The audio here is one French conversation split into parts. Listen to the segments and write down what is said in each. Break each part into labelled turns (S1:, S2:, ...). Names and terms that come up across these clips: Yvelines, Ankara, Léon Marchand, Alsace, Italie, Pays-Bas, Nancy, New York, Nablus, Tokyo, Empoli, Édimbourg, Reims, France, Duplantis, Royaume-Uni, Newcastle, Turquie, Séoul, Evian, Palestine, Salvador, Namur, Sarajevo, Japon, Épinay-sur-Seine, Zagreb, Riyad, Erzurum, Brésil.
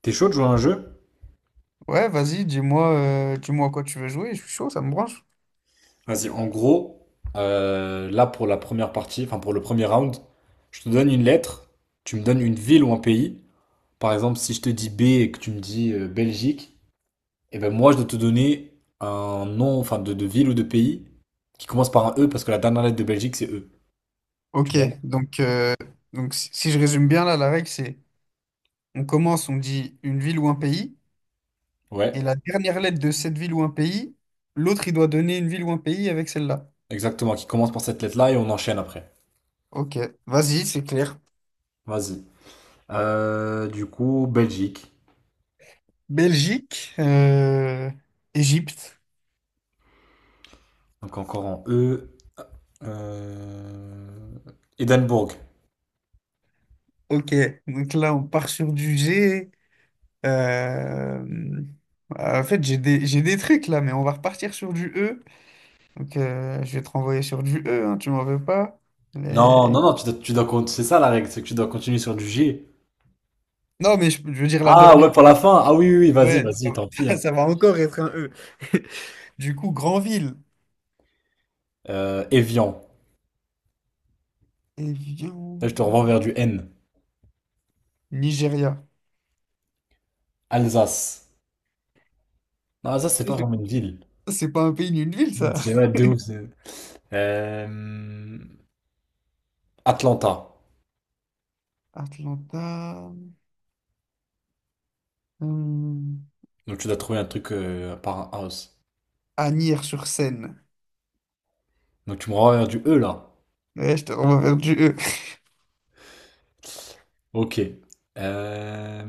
S1: T'es chaud de jouer à un jeu?
S2: Ouais, vas-y, dis-moi dis-moi à quoi tu veux jouer, je suis chaud, ça me branche.
S1: Vas-y, en gros, là pour la première partie, enfin pour le premier round, je te donne une lettre, tu me donnes une ville ou un pays. Par exemple, si je te dis B et que tu me dis Belgique, et ben moi je dois te donner un nom, enfin de ville ou de pays qui commence par un E parce que la dernière lettre de Belgique c'est E. Tu
S2: Ok,
S1: vois?
S2: donc, euh, donc si je résume bien là, la règle c'est on commence, on dit une ville ou un pays,
S1: Ouais,
S2: et la dernière lettre de cette ville ou un pays, l'autre il doit donner une ville ou un pays avec celle-là.
S1: exactement, qui commence par cette lettre-là et on enchaîne après.
S2: Ok, vas-y, c'est clair.
S1: Vas-y. Du coup, Belgique.
S2: Belgique, Égypte.
S1: Donc encore en E. Euh... Édimbourg.
S2: Ok, donc là on part sur du G. euh, En fait, j'ai des trucs là, mais on va repartir sur du E. Donc, je vais te renvoyer sur du E, hein, tu m'en veux pas.
S1: Non,
S2: Mais...
S1: non, non, c'est ça la règle, c'est que tu dois continuer sur du G.
S2: Non, mais je veux dire la
S1: Ah
S2: dernière.
S1: ouais, pour la fin. Ah oui, oui, oui, vas-y,
S2: Ouais,
S1: vas-y, tant pis,
S2: ça,
S1: hein.
S2: ça va encore être un E. Du coup, Granville.
S1: Evian.
S2: Et
S1: Là, je te
S2: viens...
S1: renvoie vers du N.
S2: Nigeria.
S1: Alsace. Non, Alsace, c'est
S2: Tu
S1: pas
S2: sais,
S1: vraiment une ville.
S2: c'est pas un pays ni une ville,
S1: Ouais,
S2: ça.
S1: c'est ouais, de ouf. C'est- Euh, Atlanta.
S2: Atlanta. Hum,
S1: Donc tu dois trouver un truc par un house.
S2: Agnières-sur-Seine.
S1: Donc tu me renvoies vers du E là.
S2: Ouais, je te renvoie vers du E.
S1: Ok. Euh,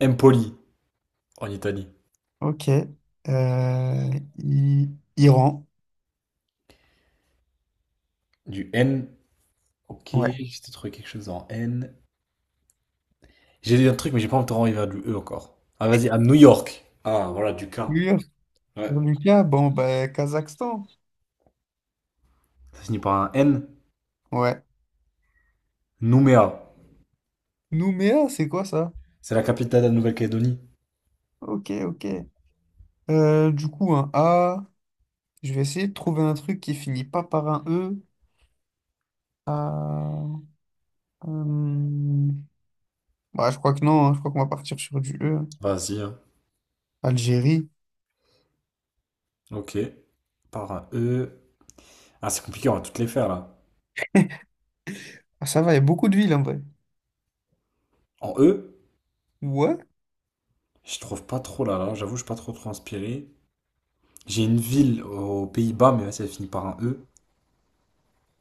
S1: Empoli en Italie.
S2: Ok. Euh, I- Iran.
S1: Du N. Ok,
S2: Ouais.
S1: j'ai trouvé quelque chose en N. J'ai dit un truc, mais j'ai pas envie de renvoyer vers du E encore. Ah, vas-y, à New York. Ah, voilà, du K.
S2: Ur,
S1: Ouais.
S2: Lucas, bon, ben, Kazakhstan.
S1: Ça finit par un N.
S2: Ouais.
S1: Nouméa.
S2: Nouméa, c'est quoi ça?
S1: C'est la capitale de la Nouvelle-Calédonie.
S2: Ok, ok. Du coup, un A. Je vais essayer de trouver un truc qui finit pas par un E. Ah, euh, bah, je crois que non, hein. Je crois qu'on va partir sur du E.
S1: Vas-y, hein.
S2: Algérie.
S1: Ok. Par un E. Ah, c'est compliqué, on va toutes les faire, là.
S2: Ah, ça va, il y a beaucoup de villes en vrai.
S1: En E,
S2: Ouais?
S1: je trouve pas trop, là, là. J'avoue, je suis pas trop, trop inspiré. J'ai une ville aux Pays-Bas, mais là, ça finit par un E.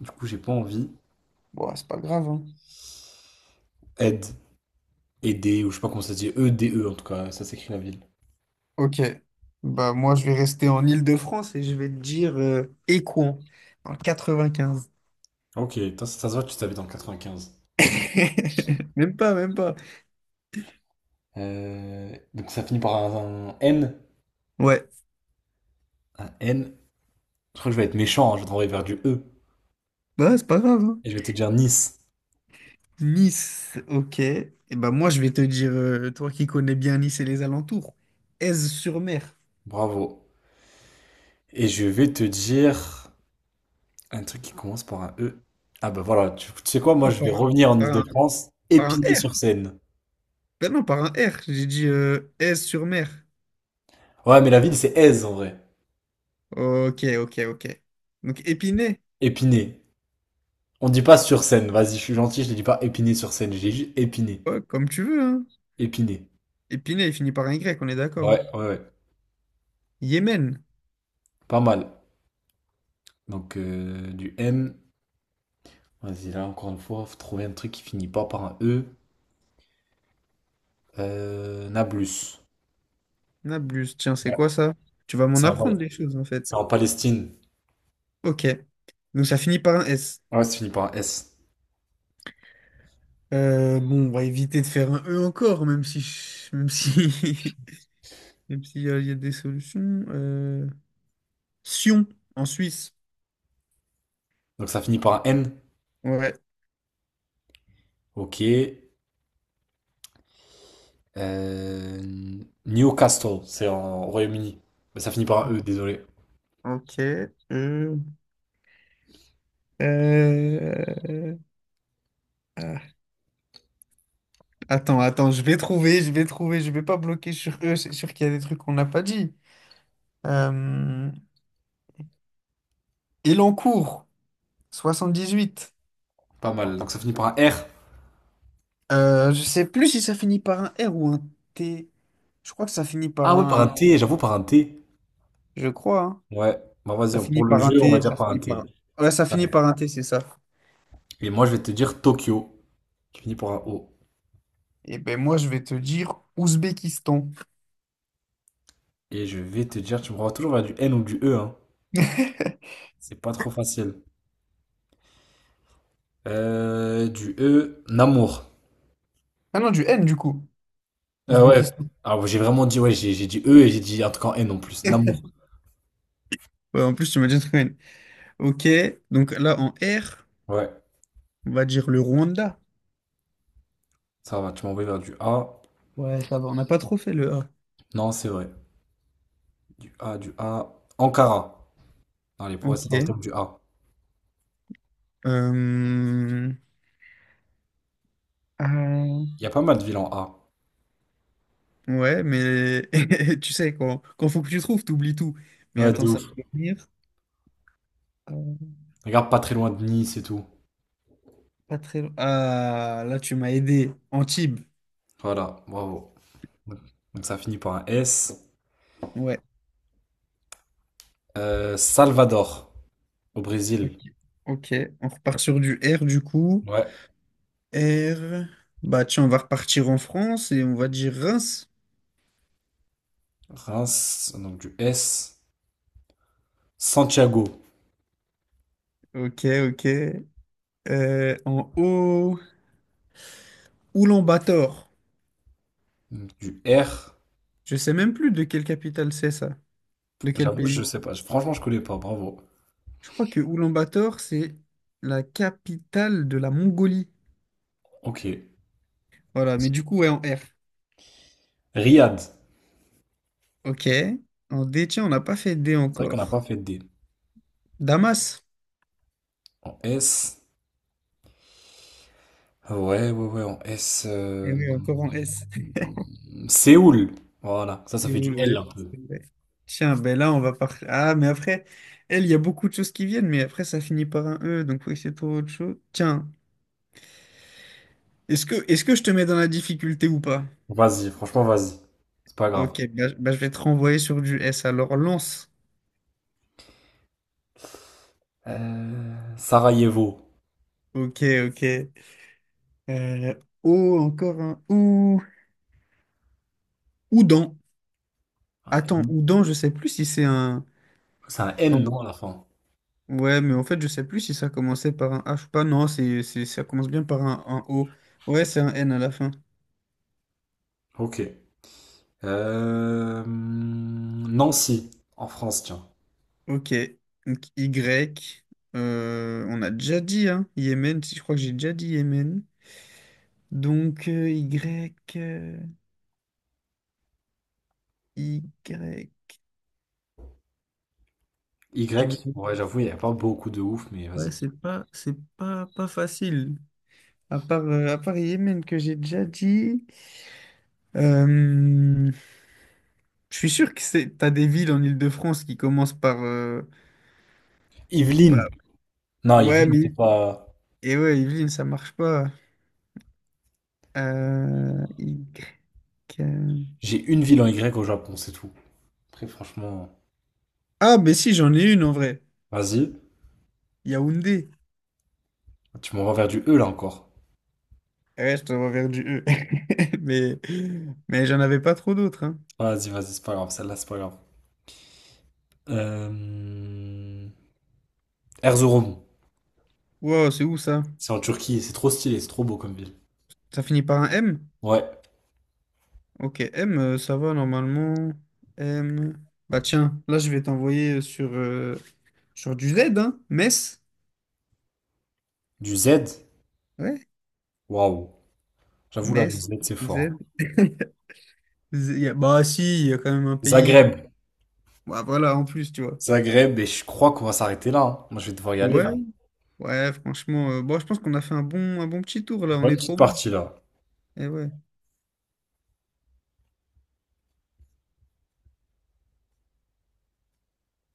S1: Du coup, j'ai pas envie.
S2: Bon, c'est pas grave, hein.
S1: Aide. Aider, ou je sais pas comment ça se dit. E-D-E, en tout cas. Ça s'écrit la ville.
S2: Ok. Bah, moi, je vais rester en Île-de-France et je vais te dire Écouen, en 95.
S1: Ok, toi, ça se voit, tu t'habites dans le 95.
S2: Même pas, même pas.
S1: Donc ça finit par un N.
S2: Ouais.
S1: Un N. Je crois que je vais être méchant, hein, je vais t'envoyer vers du E.
S2: Bah, c'est pas grave, hein.
S1: Et je vais te dire Nice.
S2: Nice, ok. Et ben moi, je vais te dire, toi qui connais bien Nice et les alentours, Aise-sur-Mer.
S1: Bravo. Et je vais te dire un truc qui commence par un E. Ah bah voilà, tu sais quoi, moi
S2: Non,
S1: je vais
S2: par,
S1: revenir en
S2: par un,
S1: Île-de-France,
S2: par un R.
S1: Épinay-sur-Seine.
S2: Ben non, par un R. J'ai dit Aise-sur-Mer.
S1: Ouais, mais la ville c'est Aise en vrai.
S2: Ok, ok, ok. Donc Épinay,
S1: Épinay. On dit pas sur Seine, vas-y, je suis gentil, je ne dis pas Épinay-sur-Seine, j'ai juste Épinay.
S2: ouais, comme tu veux, hein.
S1: Épinay.
S2: Épinay, il finit par un Y, on est d'accord, hein.
S1: Ouais, ouais, ouais.
S2: Yémen,
S1: Pas mal. Donc du M. Vas-y, là encore une fois, faut trouver un truc qui finit pas par un E. Nablus.
S2: Nablus, tiens, c'est
S1: Ouais.
S2: quoi ça? Tu vas m'en
S1: C'est en,
S2: apprendre des choses, en fait.
S1: C'est en Palestine.
S2: Ok. Donc ça finit par un S.
S1: Ah ouais, ça finit par un S.
S2: Bon, on va éviter de faire un E encore, même si, je- même si et puis, il y a des solutions. Sion, en Suisse.
S1: Donc ça finit par un N.
S2: Ouais,
S1: Ok. Newcastle, c'est en Royaume-Uni. Mais ça finit par un E, désolé.
S2: ok. Euh, euh, euh, ah. Attends, attends, je vais trouver, je vais pas bloquer sur eux, c'est sûr qu'il y a des trucs qu'on n'a pas dit. Euh... Elancourt, 78.
S1: Pas mal. Donc ça finit par un R.
S2: Je sais plus si ça finit par un R ou un T. Je crois que ça finit par
S1: Ah ouais, par
S2: un...
S1: un T, j'avoue, par un T.
S2: Je crois, hein.
S1: Ouais. Bah
S2: Ça
S1: vas-y,
S2: finit
S1: pour le
S2: par un
S1: jeu, on va
S2: T,
S1: dire
S2: ça
S1: par un
S2: finit par
S1: T.
S2: un... Ouais, ça finit par un T, c'est ça.
S1: Et moi, je vais te dire Tokyo. Qui finit par un O.
S2: Et ben moi, je vais te dire Ouzbékistan.
S1: Et je vais te dire, tu me renvoies toujours vers du N ou du E, hein. C'est pas trop facile. Du E, Namur.
S2: Ah non, du N du coup,
S1: Ah ouais.
S2: Ouzbékistan.
S1: Alors j'ai vraiment dit, ouais, j'ai dit E et j'ai dit un truc en N en plus. Namour.
S2: Ouais, en plus, tu m'as dit un truc, ouais. Ok, donc là, en R,
S1: Ouais,
S2: on va dire le Rwanda.
S1: ça va, tu m'as envoyé vers du A.
S2: Ouais, ça va, on n'a pas trop fait le A.
S1: Non, c'est vrai. Du A. Ankara. Allez, pour rester
S2: Ok.
S1: dans le thème du A.
S2: Euh, euh,
S1: Il y a pas mal de villes en A.
S2: ouais, mais tu sais, quand faut que tu trouves, t'oublies tout. Mais
S1: Ouais,
S2: attends,
S1: de
S2: ça
S1: ouf.
S2: va venir. Euh,
S1: Regarde, pas très loin de Nice et tout.
S2: Pas très loin. Ah, là, tu m'as aidé. Antibes.
S1: Voilà, bravo. Donc ça finit par un S.
S2: Ouais.
S1: Salvador, au Brésil.
S2: Ok. Ok, on repart sur du R du coup.
S1: Ouais.
S2: R. Bah tiens, on va repartir en France et on va dire Reims.
S1: Reims, donc du S. Santiago,
S2: Ok, ok. En haut, Oulan-Bator.
S1: donc du R.
S2: Je sais même plus de quelle capitale c'est ça, de quel
S1: J'avoue, je
S2: pays.
S1: sais pas. Franchement, je connais pas. Bravo.
S2: Je crois que Oulan-Bator, c'est la capitale de la Mongolie.
S1: Ok.
S2: Voilà, mais du coup, ouais, en R.
S1: Riyad.
S2: Ok. En D, tiens, on n'a pas fait D
S1: C'est vrai qu'on n'a pas
S2: encore.
S1: fait de D.
S2: Damas.
S1: En S. Ouais, ouais, ouais, en S.
S2: Eh oui, encore en S.
S1: Séoul. Voilà, ça
S2: C'est
S1: fait du L
S2: ouais,
S1: un peu.
S2: c'est vrai. Tiens, ben là, on va par... Ah, mais après, elle, il y a beaucoup de choses qui viennent, mais après, ça finit par un E, donc oui, c'est pour autre chose. Tiens, est-ce que je te mets dans la difficulté ou pas?
S1: Vas-y, franchement, vas-y. C'est pas grave.
S2: Ok, bah, je vais te renvoyer sur du S. Alors, lance.
S1: Sarajevo.
S2: Ok, ok. Euh, O, encore un O Oudan.
S1: Un
S2: Attends,
S1: N-
S2: Oudan, je sais plus si c'est un.
S1: C'est un N,
S2: Non.
S1: non, à la fin.
S2: Ouais, mais en fait, je sais plus si ça commençait par un H ou pas. Non, ça commence bien par un O. Ouais, c'est un N à la fin.
S1: Ok. Nancy, en France, tiens.
S2: Ok. Donc, Y. On a déjà dit, hein. Yémen, si je crois que j'ai déjà dit Yémen. Donc, Y. Y.
S1: Y.
S2: Je vais-
S1: Ouais, j'avoue, il n'y a pas beaucoup de ouf, mais
S2: Ouais,
S1: vas-y.
S2: c'est pas, pas facile. À part Yémen que j'ai déjà dit, euh, je suis sûr que c'est, t'as des villes en Île-de-France qui commencent par, par-
S1: Yvelines. Non,
S2: Ouais,
S1: Yvelines,
S2: mais...
S1: c'est pas.
S2: Et ouais, Yvelines, ça marche pas. Euh, Y... euh,
S1: J'ai une ville en Y au Japon, c'est tout. Après, franchement,
S2: Ah, mais si, j'en ai une en vrai.
S1: vas-y.
S2: Yaoundé.
S1: Tu m'envoies vers du E là encore.
S2: Eh ouais, je t'envoie vers du E. Mais, mais j'en avais pas trop d'autres, hein.
S1: Vas-y, vas-y, c'est pas grave, celle-là, c'est pas grave. Euh... Erzurum,
S2: Wow, c'est où ça?
S1: c'est en Turquie, et c'est trop stylé, c'est trop beau comme ville.
S2: Ça finit par un M?
S1: Ouais,
S2: Ok, M, ça va normalement. M... Bah tiens, là je vais t'envoyer sur... sur du Z, hein? Metz?
S1: du Z,
S2: Ouais,
S1: waouh, j'avoue là, le
S2: Metz,
S1: Z, c'est
S2: Z.
S1: fort.
S2: Z- y a- Bah si, il y a quand même un pays. Comme...
S1: Zagreb,
S2: Bah, voilà, en plus, tu vois.
S1: Zagreb, et je crois qu'on va s'arrêter là, hein. Moi, je vais devoir y aller
S2: Ouais,
S1: là.
S2: ouais, franchement, bon, je pense qu'on a fait un bon petit tour là, on
S1: Bonne
S2: est
S1: petite
S2: trop bon.
S1: partie là.
S2: Et ouais.